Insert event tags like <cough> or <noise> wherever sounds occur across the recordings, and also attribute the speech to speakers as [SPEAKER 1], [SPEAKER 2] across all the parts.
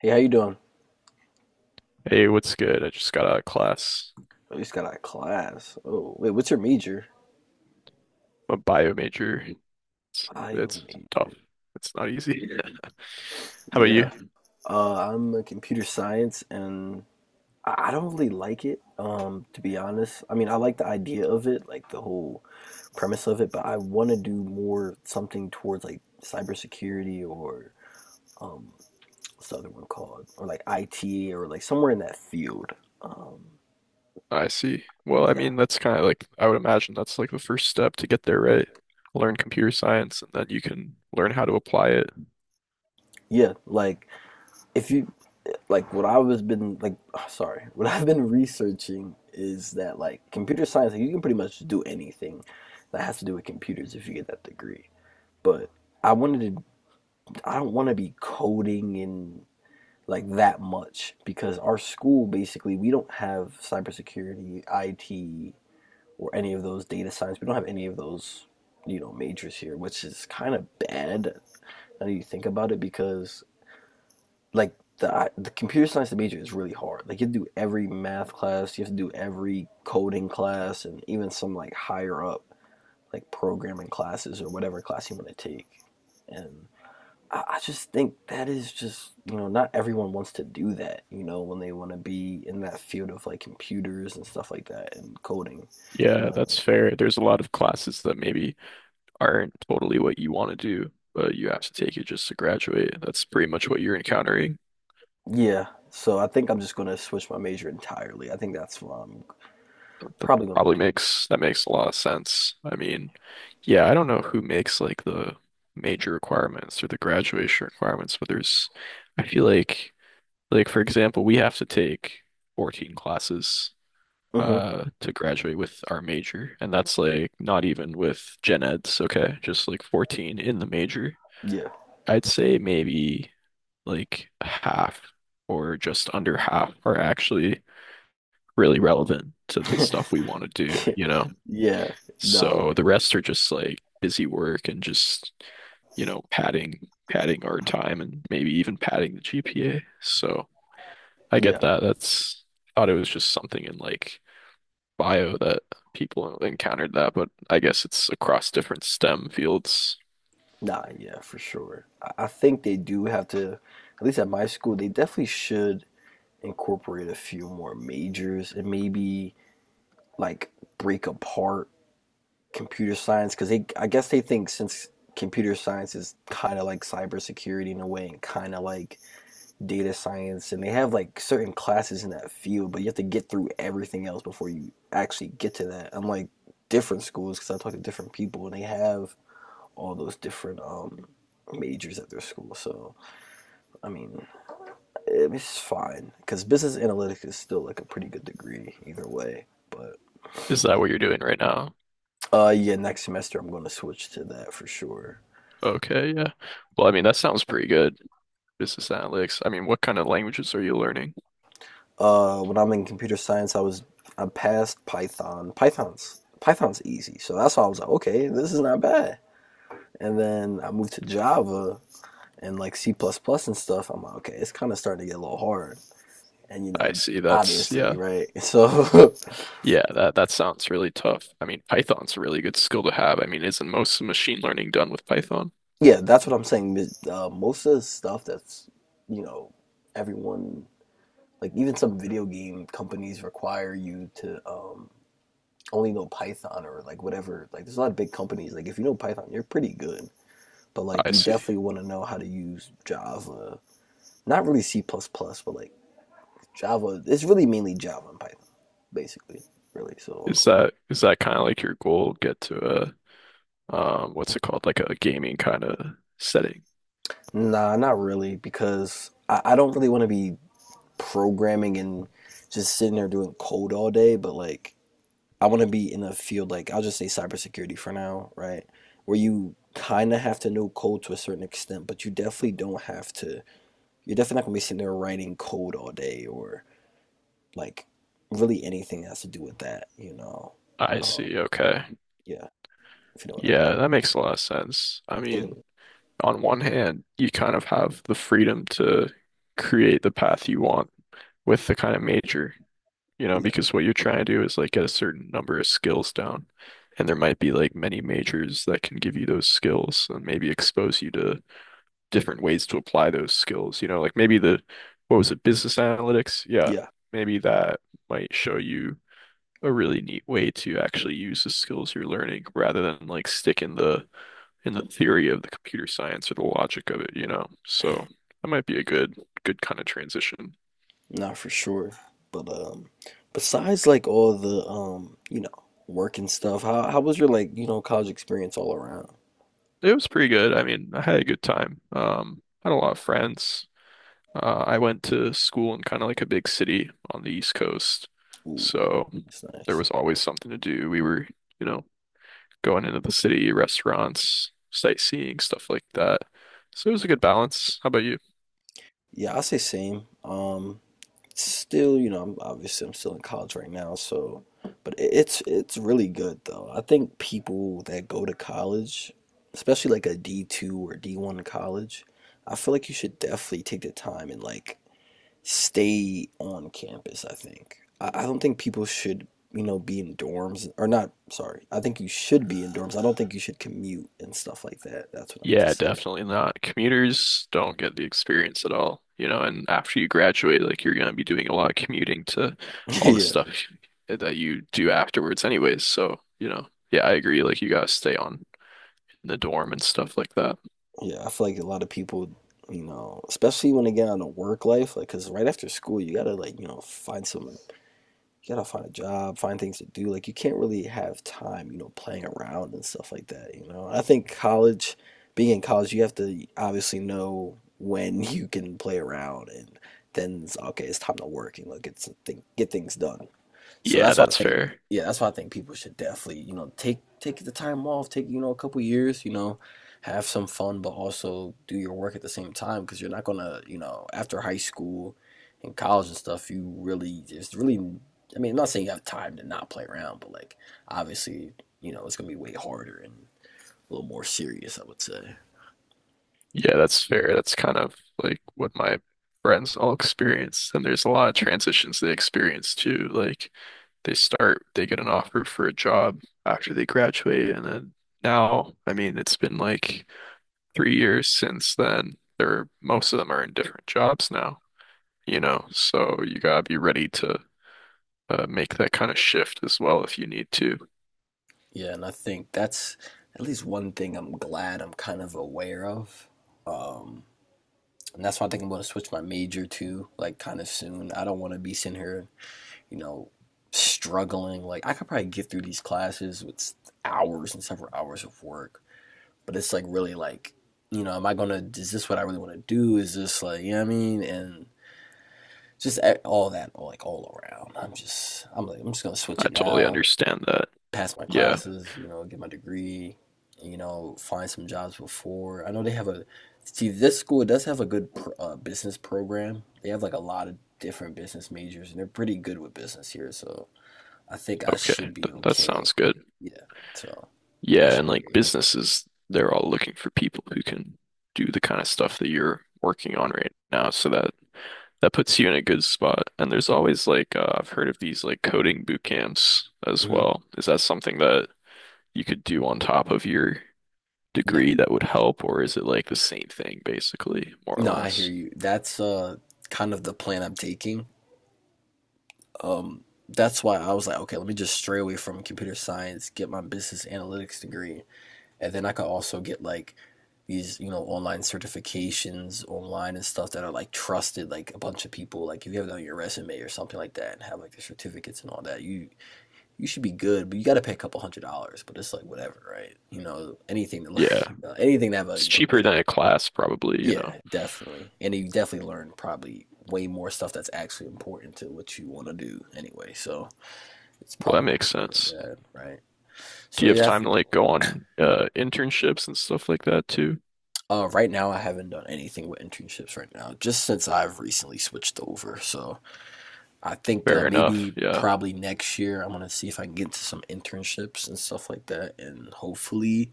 [SPEAKER 1] Hey, how you doing?
[SPEAKER 2] Hey, what's good? I just got out of class.
[SPEAKER 1] Oh, you just got out of class. Oh, wait, what's your major?
[SPEAKER 2] I'm a bio major. It's,
[SPEAKER 1] Bio
[SPEAKER 2] it's
[SPEAKER 1] major.
[SPEAKER 2] tough. It's not easy. <laughs> How about
[SPEAKER 1] Yeah.
[SPEAKER 2] you?
[SPEAKER 1] I'm a computer science, and I don't really like it. To be honest, I mean, I like the idea of it, like the whole premise of it, but I want to do more something towards like cybersecurity or um, what's the other one called, or like IT or like somewhere in that field. Um,
[SPEAKER 2] I see. Well, I
[SPEAKER 1] yeah,
[SPEAKER 2] mean, that's kind of like, I would imagine that's like the first step to get there, right? Learn computer science and then you can learn how to apply it.
[SPEAKER 1] yeah. Like if you like what I was been like <sighs> sorry, <laughs> what I've been researching is that like computer science, like you can pretty much do anything that has to do with computers if you get that degree. But I wanted to I don't want to be coding and like that much because our school basically we don't have cybersecurity, IT, or any of those data science. We don't have any of those, majors here, which is kind of bad now that you think about it because the computer science major is really hard. Like you have to do every math class, you have to do every coding class, and even some like higher up like programming classes or whatever class you want to take. And I just think that is just not everyone wants to do that. You know when they want to be in that field of like computers and stuff like that and coding. You
[SPEAKER 2] Yeah,
[SPEAKER 1] know
[SPEAKER 2] that's fair. There's a lot of classes that maybe aren't totally what you want to do, but you have to take it just to graduate. That's pretty much what you're encountering.
[SPEAKER 1] yeah. So I think I'm just gonna switch my major entirely. I think that's what I'm
[SPEAKER 2] That
[SPEAKER 1] probably gonna
[SPEAKER 2] probably
[SPEAKER 1] do.
[SPEAKER 2] makes that makes a lot of sense. I mean, yeah, I don't know who makes like the major requirements or the graduation requirements, but there's I feel like for example, we have to take 14 classes
[SPEAKER 1] Hmm.
[SPEAKER 2] to graduate with our major, and that's like not even with gen eds, okay? Just like 14 in the major.
[SPEAKER 1] Yeah.
[SPEAKER 2] I'd say maybe like half or just under half are actually really relevant to the stuff we want to
[SPEAKER 1] <laughs>
[SPEAKER 2] do,
[SPEAKER 1] <laughs>
[SPEAKER 2] you know?
[SPEAKER 1] Yeah, no, So,
[SPEAKER 2] So
[SPEAKER 1] like,
[SPEAKER 2] the rest are just like busy work and just, you know, padding our time and maybe even padding the GPA. So I get
[SPEAKER 1] yeah,
[SPEAKER 2] that. That's thought it was just something in like bio that people encountered that, but I guess it's across different STEM fields.
[SPEAKER 1] nah, yeah, for sure. I think they do have to, at least at my school, they definitely should incorporate a few more majors and maybe like break apart computer science because I guess they think since computer science is kind of like cybersecurity in a way and kind of like data science, and they have like certain classes in that field, but you have to get through everything else before you actually get to that. Unlike different schools, because I talk to different people and they have all those different majors at their school. So I mean, it's fine because business analytics is still like a pretty good degree either way. But
[SPEAKER 2] Is that what you're doing right now?
[SPEAKER 1] yeah, next semester I'm going to switch to that for sure.
[SPEAKER 2] Okay, yeah. Well, I mean, that sounds pretty good. Business analytics. I mean, what kind of languages are you learning?
[SPEAKER 1] When I'm in computer science, I passed Python. Python's easy, so that's why I was like, okay, this is not bad. And then I moved to Java and like C++ plus plus and stuff. I'm like, okay, it's kind of starting to get a little hard. And you
[SPEAKER 2] I
[SPEAKER 1] know,
[SPEAKER 2] see. That's
[SPEAKER 1] obviously,
[SPEAKER 2] yeah.
[SPEAKER 1] right? <laughs> So
[SPEAKER 2] Yeah, that sounds really tough. I mean, Python's a really good skill to have. I mean, isn't most of machine learning done with Python?
[SPEAKER 1] yeah, that's what I'm saying. Most of the stuff that's, you know, everyone, like even some video game companies require you to only know Python or like whatever. Like there's a lot of big companies. Like if you know Python, you're pretty good. But like
[SPEAKER 2] I
[SPEAKER 1] you
[SPEAKER 2] see.
[SPEAKER 1] definitely want to know how to use Java. Not really C++, but like Java. It's really mainly Java and Python, basically. Really.
[SPEAKER 2] Is
[SPEAKER 1] So
[SPEAKER 2] that is that kind of like your goal? Get to a what's it called? Like a gaming kind of setting.
[SPEAKER 1] um, nah, not really because I don't really want to be programming and just sitting there doing code all day. But like I want to be in a field like I'll just say cybersecurity for now, right? Where you kind of have to know code to a certain extent, but you definitely don't have to. You're definitely not gonna be sitting there writing code all day or like really anything that has to do with that, you know?
[SPEAKER 2] I
[SPEAKER 1] Um,
[SPEAKER 2] see. Okay.
[SPEAKER 1] yeah, if you know what I
[SPEAKER 2] Yeah,
[SPEAKER 1] mean.
[SPEAKER 2] that makes a lot of sense. I
[SPEAKER 1] Yeah,
[SPEAKER 2] mean, on one hand, you kind of have the freedom to create the path you want with the kind of major. You know,
[SPEAKER 1] yeah,
[SPEAKER 2] because what you're trying to do is like get a certain number of skills down. And there might be like many majors that can give you those skills and maybe expose you to different ways to apply those skills. You know, like maybe what was it, business analytics? Yeah,
[SPEAKER 1] yeah,
[SPEAKER 2] maybe that might show you a really neat way to actually use the skills you're learning rather than like stick in the theory of the computer science or the logic of it, you know. So that might be a good kind of transition.
[SPEAKER 1] not for sure. But besides like all the work and stuff, how was your like college experience all around?
[SPEAKER 2] It was pretty good. I mean, I had a good time. Had a lot of friends. I went to school in kind of like a big city on the East Coast,
[SPEAKER 1] Ooh,
[SPEAKER 2] so
[SPEAKER 1] that's
[SPEAKER 2] there
[SPEAKER 1] nice.
[SPEAKER 2] was always something to do. We were, you know, going into the city, restaurants, sightseeing, stuff like that. So it was a good balance. How about you?
[SPEAKER 1] Yeah, I say same. Still, I'm still in college right now, so it's really good though. I think people that go to college, especially like a D2 or D1 college, I feel like you should definitely take the time and stay on campus, I think. I don't think people should, be in dorms or not, sorry. I think you should be in dorms. I don't think you should commute and stuff like that. That's what I meant to
[SPEAKER 2] Yeah,
[SPEAKER 1] say.
[SPEAKER 2] definitely not. Commuters don't get the experience at all, you know, and after you graduate, like you're gonna be doing a lot of commuting to
[SPEAKER 1] <laughs>
[SPEAKER 2] all the
[SPEAKER 1] Yeah.
[SPEAKER 2] stuff that you do afterwards anyways. So, you know, yeah, I agree. Like you gotta stay on in the dorm and stuff like that.
[SPEAKER 1] Yeah, I feel like a lot of people, especially when they get on a work life, like, cause right after school, you gotta like, find some, you gotta find a job, find things to do. Like, you can't really have time, playing around and stuff like that. I think being in college, you have to obviously know when <laughs> you can play around, and then it's, okay, it's time to work and like, get things done. So
[SPEAKER 2] Yeah,
[SPEAKER 1] that's why
[SPEAKER 2] that's
[SPEAKER 1] I think,
[SPEAKER 2] fair.
[SPEAKER 1] yeah, that's why I think people should definitely, take the time off, take a couple years, have some fun, but also do your work at the same time because you're not gonna, after high school and college and stuff, you really it's really, I mean, I'm not saying you have time to not play around, but like obviously, it's gonna be way harder and a little more serious, I would say.
[SPEAKER 2] Yeah, that's fair. That's kind of like what my friends all experience. And there's a lot of transitions they experience too. Like they get an offer for a job after they graduate, and then now, I mean, it's been like 3 years since then, they're most of them are in different jobs now, you know, so you gotta be ready to make that kind of shift as well if you need to.
[SPEAKER 1] Yeah, and I think that's at least one thing I'm glad I'm kind of aware of um, And that's why I think I'm going to switch my major to, like, kind of soon. I don't want to be sitting here, you know, struggling. Like, I could probably get through these classes with hours and several hours of work, but it's like really like, am I going to, is this what I really want to do? Is this like, you know what I mean? All that, like, all around. I'm just going to switch
[SPEAKER 2] I
[SPEAKER 1] it
[SPEAKER 2] totally
[SPEAKER 1] now,
[SPEAKER 2] understand that.
[SPEAKER 1] pass my
[SPEAKER 2] Yeah.
[SPEAKER 1] classes, get my degree, find some jobs before. I know they have a see this school does have a good business program. They have like a lot of different business majors, and they're pretty good with business here. So I think I That's
[SPEAKER 2] Okay.
[SPEAKER 1] should good. Be
[SPEAKER 2] Th
[SPEAKER 1] That
[SPEAKER 2] that
[SPEAKER 1] sounds
[SPEAKER 2] sounds good.
[SPEAKER 1] good. Yeah. So that
[SPEAKER 2] Yeah,
[SPEAKER 1] should
[SPEAKER 2] and like
[SPEAKER 1] Be great.
[SPEAKER 2] businesses, they're all looking for people who can do the kind of stuff that you're working on right now so that puts you in a good spot. And there's always like I've heard of these like coding boot camps as
[SPEAKER 1] like hmm
[SPEAKER 2] well. Is that something that you could do on top of your
[SPEAKER 1] Yeah.
[SPEAKER 2] degree that would help, or is it like the same thing basically, more or
[SPEAKER 1] No, I hear
[SPEAKER 2] less?
[SPEAKER 1] you. That's kind of the plan I'm taking. That's why I was like, okay, let me just stray away from computer science, get my business analytics degree, and then I could also get like these online certifications online and stuff that are like trusted like a bunch of people like if you have it on your resume or something like that and have like the certificates and all that you should be good, but you got to pay a couple $100, but it's like whatever, right? You know, anything to like <laughs>
[SPEAKER 2] Yeah.
[SPEAKER 1] anything to have a
[SPEAKER 2] It's cheaper
[SPEAKER 1] better
[SPEAKER 2] than a class probably, you know.
[SPEAKER 1] yeah, definitely. And you definitely learn probably way more stuff that's actually important to what you want to do anyway, so it's
[SPEAKER 2] Well, that
[SPEAKER 1] probably not
[SPEAKER 2] makes
[SPEAKER 1] going to be that
[SPEAKER 2] sense.
[SPEAKER 1] bad, right?
[SPEAKER 2] Do
[SPEAKER 1] So
[SPEAKER 2] you have
[SPEAKER 1] yeah.
[SPEAKER 2] time to like go on internships and stuff like that too?
[SPEAKER 1] Right now, I haven't done anything with internships right now, just since I've recently switched over. So I think
[SPEAKER 2] Fair enough.
[SPEAKER 1] maybe
[SPEAKER 2] Yeah.
[SPEAKER 1] probably next year, I'm gonna see if I can get into some internships and stuff like that, and hopefully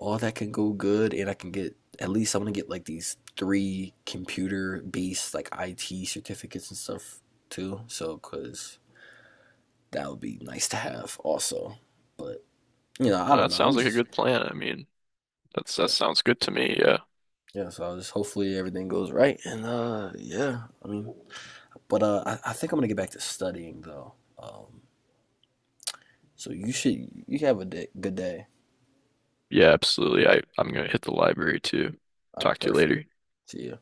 [SPEAKER 1] all that can go good, and I can get at least I'm gonna get like these three computer-based like IT certificates and stuff too. So, cause that would be nice to have also. But you know, I
[SPEAKER 2] Nah,
[SPEAKER 1] don't
[SPEAKER 2] that
[SPEAKER 1] know.
[SPEAKER 2] sounds
[SPEAKER 1] I'm
[SPEAKER 2] like a
[SPEAKER 1] just
[SPEAKER 2] good plan. I mean, that
[SPEAKER 1] yeah,
[SPEAKER 2] sounds good to me. Yeah.
[SPEAKER 1] yeah. So I just hopefully everything goes right, and yeah. I think I'm gonna get back to studying though. Um, you have a good day.
[SPEAKER 2] Yeah, absolutely. I'm gonna hit the library too.
[SPEAKER 1] All right,
[SPEAKER 2] Talk to you later.
[SPEAKER 1] perfect. See ya.